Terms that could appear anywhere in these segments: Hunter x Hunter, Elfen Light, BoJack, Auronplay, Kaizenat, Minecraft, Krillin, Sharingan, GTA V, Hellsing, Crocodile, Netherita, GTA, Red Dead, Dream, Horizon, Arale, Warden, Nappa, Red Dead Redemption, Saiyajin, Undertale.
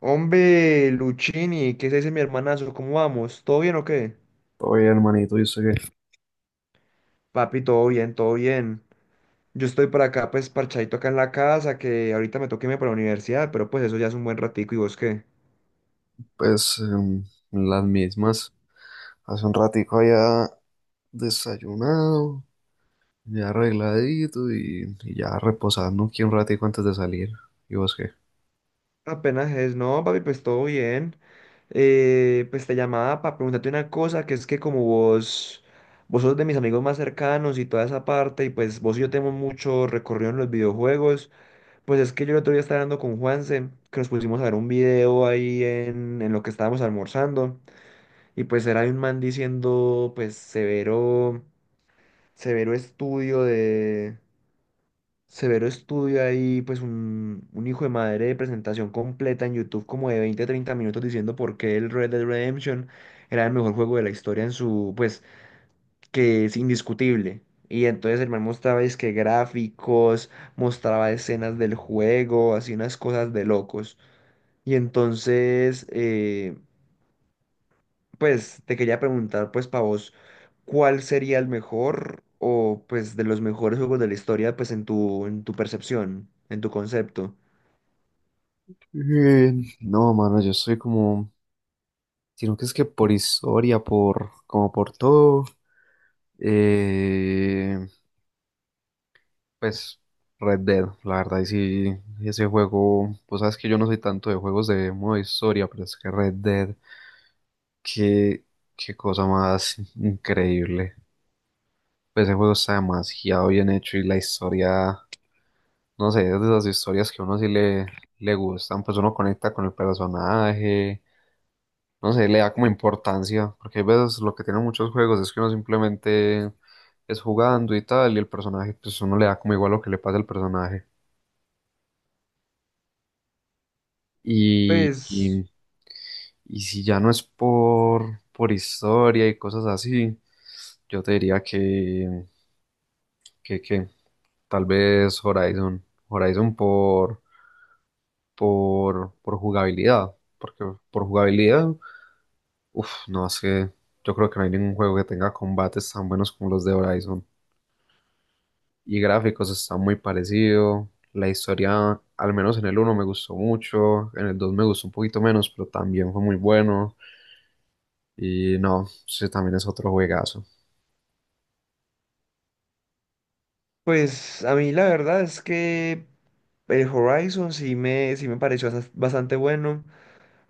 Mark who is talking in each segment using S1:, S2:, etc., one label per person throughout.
S1: Hombre, Luchini, ¿qué se dice, mi hermanazo? ¿Cómo vamos? ¿Todo bien o qué?
S2: Oye, hermanito, yo sé que,
S1: Papi, todo bien, todo bien. Yo estoy por acá, pues, parchadito acá en la casa, que ahorita me toca irme para la universidad, pero pues eso ya es un buen ratico, ¿y vos qué?
S2: pues, las mismas. Hace un ratico ya desayunado, ya arregladito y ya reposando aquí un ratico antes de salir. ¿Y vos qué?
S1: Apenas es, no, papi, pues todo bien. Pues te llamaba para preguntarte una cosa, que es que como vos, vos sos de mis amigos más cercanos y toda esa parte, y pues vos y yo tenemos mucho recorrido en los videojuegos. Pues es que yo el otro día estaba hablando con Juanse, que nos pusimos a ver un video ahí en lo que estábamos almorzando, y pues era de un man diciendo, pues, severo, severo estudio de, severo estudio ahí, pues un hijo de madre de presentación completa en YouTube, como de 20 a 30 minutos diciendo por qué el Red Dead Redemption era el mejor juego de la historia en su, pues, que es indiscutible. Y entonces el man mostraba, es que gráficos, mostraba escenas del juego, así unas cosas de locos. Y entonces, pues te quería preguntar, pues para vos, ¿cuál sería el mejor o pues de los mejores juegos de la historia, pues en tu percepción, en tu concepto?
S2: Eh, no, mano, yo estoy como, sino que es que por historia, por, como por todo, eh, pues, Red Dead, la verdad, y sí, ese juego, pues sabes que yo no soy tanto de juegos de modo historia, pero es que Red Dead. Qué, ¿Qué cosa más increíble? Pues ese juego está demasiado bien hecho y la historia, no sé, es de esas historias que a uno sí le gustan, pues uno conecta con el personaje, no sé, le da como importancia, porque hay veces lo que tienen muchos juegos es que uno simplemente es jugando y tal, y el personaje, pues uno le da como igual lo que le pasa al personaje. Y,
S1: Pues,
S2: y, y si ya no es por historia y cosas así, yo te diría que, que tal vez Horizon. Horizon por jugabilidad. Porque por jugabilidad, uff, no es que yo creo que no hay ningún juego que tenga combates tan buenos como los de Horizon. Y gráficos está muy parecido. La historia, al menos en el uno me gustó mucho. En el 2 me gustó un poquito menos, pero también fue muy bueno. Y no, sí, también es otro juegazo.
S1: pues a mí la verdad es que el Horizon sí me pareció bastante bueno.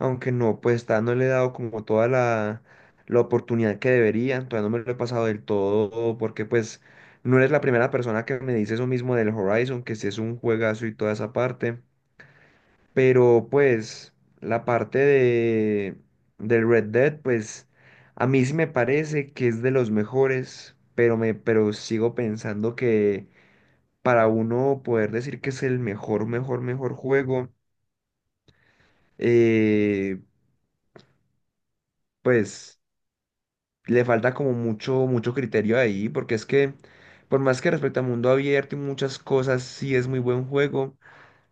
S1: Aunque no, pues está, no le he dado como toda la, la oportunidad que debería, todavía no me lo he pasado del todo, porque pues no eres la primera persona que me dice eso mismo del Horizon, que si es un juegazo y toda esa parte, pero pues la parte de, del Red Dead, pues a mí sí me parece que es de los mejores, pero, me, pero sigo pensando que para uno poder decir que es el mejor, mejor, mejor juego, eh, pues... le falta como mucho, mucho criterio ahí, porque es que, por más que respecto a mundo abierto y muchas cosas, sí es muy buen juego,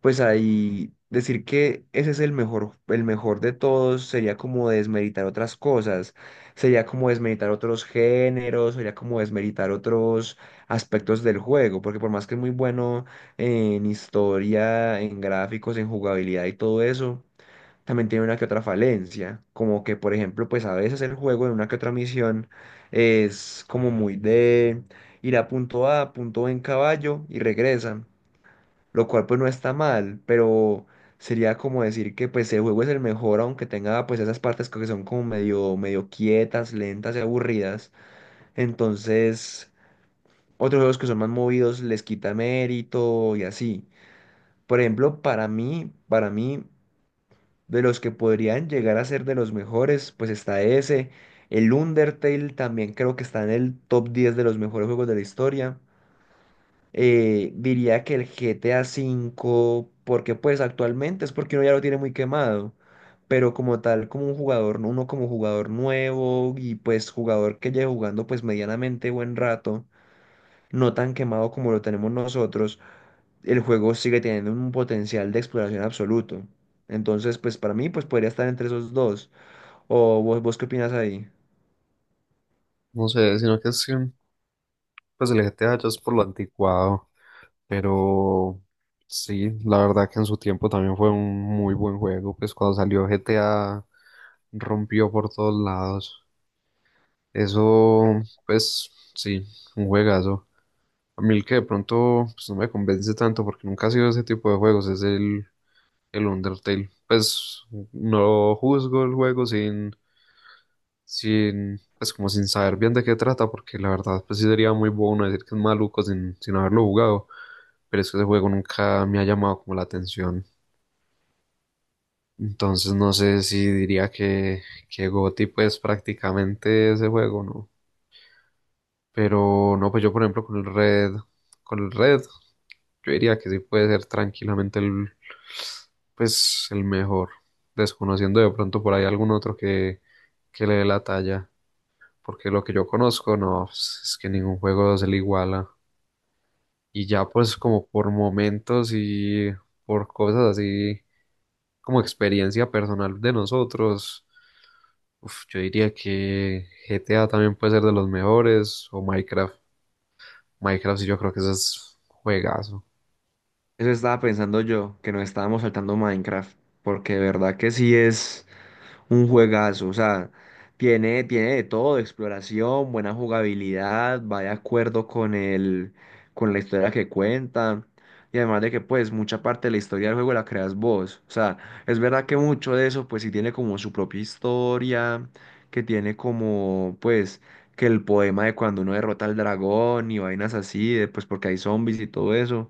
S1: pues ahí decir que ese es el mejor de todos sería como desmeritar otras cosas, sería como desmeritar otros géneros, sería como desmeritar otros aspectos del juego, porque por más que es muy bueno en historia, en gráficos, en jugabilidad y todo eso también tiene una que otra falencia, como que por ejemplo, pues a veces el juego en una que otra misión es como muy de ir a punto A, punto B en caballo y regresa, lo cual pues no está mal, pero sería como decir que pues el juego es el mejor aunque tenga pues esas partes que son como medio medio quietas, lentas y aburridas, entonces otros juegos que son más movidos les quita mérito y así. Por ejemplo, para mí de los que podrían llegar a ser de los mejores, pues está ese. El Undertale también creo que está en el top 10 de los mejores juegos de la historia. Diría que el GTA V, porque pues actualmente es porque uno ya lo tiene muy quemado, pero como tal, como un jugador, uno como jugador nuevo y pues jugador que lleve jugando pues medianamente buen rato, no tan quemado como lo tenemos nosotros, el juego sigue teniendo un potencial de exploración absoluto. Entonces, pues para mí, pues podría estar entre esos dos. ¿O vos, vos qué opinas ahí?
S2: No sé, sino que es que, pues el GTA ya es por lo anticuado. Pero sí, la verdad que en su tiempo también fue un muy buen juego. Pues cuando salió GTA rompió por todos lados. Eso, pues sí, un juegazo. A mí el que de pronto pues, no me convence tanto porque nunca ha sido ese tipo de juegos es el Undertale. Pues no juzgo el juego sin, sin, pues como sin saber bien de qué trata porque la verdad pues sí sería muy bueno decir que es maluco sin, sin haberlo jugado, pero es que ese juego nunca me ha llamado como la atención. Entonces no sé si diría que GOTY pues prácticamente ese juego, ¿no? Pero no, pues yo por ejemplo con el Red, yo diría que sí puede ser tranquilamente el, pues el mejor, desconociendo de pronto por ahí algún otro que le dé la talla, porque lo que yo conozco, no, pues, es que ningún juego se le iguala. Y ya pues como por momentos y por cosas así como experiencia personal de nosotros, uf, yo diría que GTA también puede ser de los mejores o Minecraft. Minecraft sí yo creo que ese es juegazo.
S1: Eso estaba pensando yo, que nos estábamos saltando Minecraft, porque de verdad que sí es... Un juegazo, o sea, tiene de todo, exploración, buena jugabilidad, va de acuerdo con el, con la historia que cuenta. Y además de que pues mucha parte de la historia del juego la creas vos. O sea, es verdad que mucho de eso pues sí tiene como su propia historia, que tiene como pues que el poema de cuando uno derrota al dragón y vainas así, de, pues porque hay zombies y todo eso.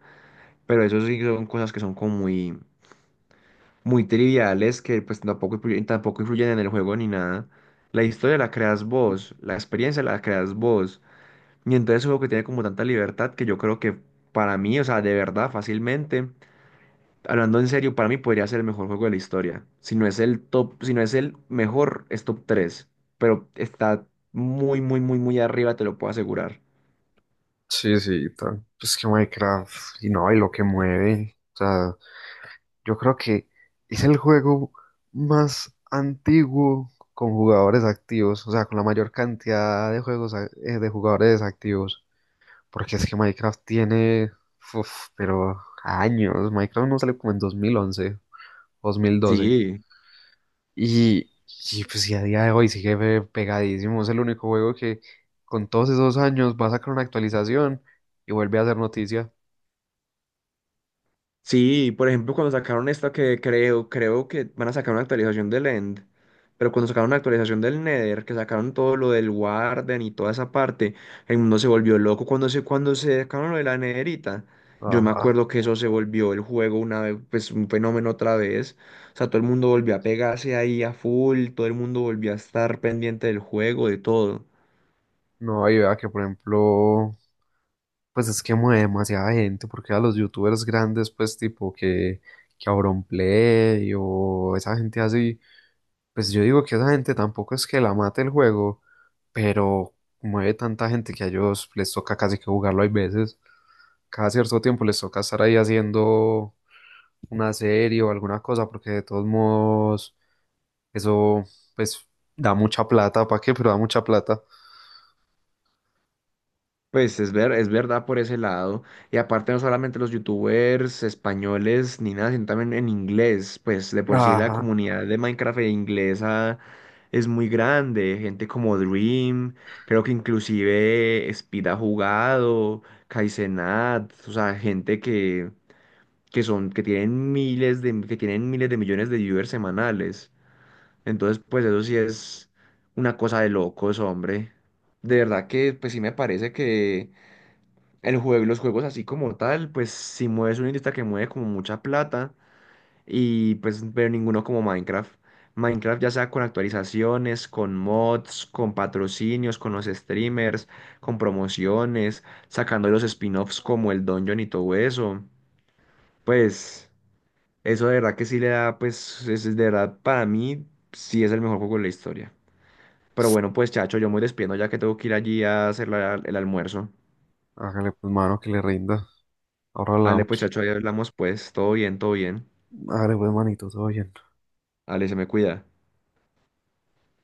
S1: Pero eso sí son cosas que son como muy, muy triviales que pues tampoco, influyen- tampoco influyen en el juego ni nada. La historia la creas vos, la experiencia la creas vos. Y entonces es un juego que tiene como tanta libertad que yo creo que para mí, o sea, de verdad, fácilmente, hablando en serio, para mí podría ser el mejor juego de la historia. Si no es el top, si no es el mejor, es top 3. Pero está muy, muy, muy, muy arriba, te lo puedo asegurar.
S2: Sí, sí, tal. Pues que Minecraft, y no, y lo que mueve. O sea, yo creo que es el juego más antiguo con jugadores activos, o sea, con la mayor cantidad de juegos a- de jugadores activos. Porque es que Minecraft tiene, uf, pero años. Minecraft no salió como en 2011. 2012.
S1: Sí.
S2: Y, y pues y a día de hoy sigue pe- pegadísimo. Es el único juego que con todos esos años va a sacar una actualización y vuelve a hacer noticia.
S1: Sí, por ejemplo, cuando sacaron esta que creo, creo que van a sacar una actualización del End, pero cuando sacaron una actualización del Nether, que sacaron todo lo del Warden y toda esa parte, el mundo se volvió loco cuando se sacaron lo de la Netherita. Yo me
S2: Ajá.
S1: acuerdo que eso se volvió el juego una vez, pues un fenómeno otra vez. O sea, todo el mundo volvió a pegarse ahí a full, todo el mundo volvió a estar pendiente del juego, de todo.
S2: No, y vea que por ejemplo, pues es que mueve demasiada gente, porque a los youtubers grandes, pues tipo que Auronplay o esa gente así, pues yo digo que esa gente tampoco es que la mate el juego, pero mueve tanta gente que a ellos les toca casi que jugarlo hay veces. Cada cierto tiempo les toca estar ahí haciendo una serie o alguna cosa, porque de todos modos eso pues da mucha plata, ¿para qué? Pero da mucha plata.
S1: Pues es ver, es verdad por ese lado. Y aparte no solamente los youtubers españoles ni nada, sino también en inglés. Pues de por sí la
S2: Ajá,
S1: comunidad de Minecraft e inglesa es muy grande. Gente como Dream, creo que inclusive Speed ha jugado, Kaizenat, o sea, gente que son, que tienen miles de, que tienen miles de millones de viewers semanales. Entonces, pues eso sí es una cosa de locos, hombre. De verdad que pues sí me parece que el juego, y los juegos así como tal, pues si mueves una industria que mueve como mucha plata y pues pero ninguno como Minecraft. Minecraft, ya sea con actualizaciones, con mods, con patrocinios, con los streamers, con promociones, sacando los spin-offs como el Dungeon y todo eso. Pues eso de verdad que sí le da, pues es de verdad para mí sí es el mejor juego de la historia. Pero bueno, pues chacho, yo me voy despidiendo ya que tengo que ir allí a hacer la- el almuerzo.
S2: hágale pues mano que le rinda. Ahora
S1: Dale, pues
S2: hablamos.
S1: chacho, ahí hablamos pues, todo bien, todo bien.
S2: Hágale pues manito, todo bien.
S1: Ale, se me cuida.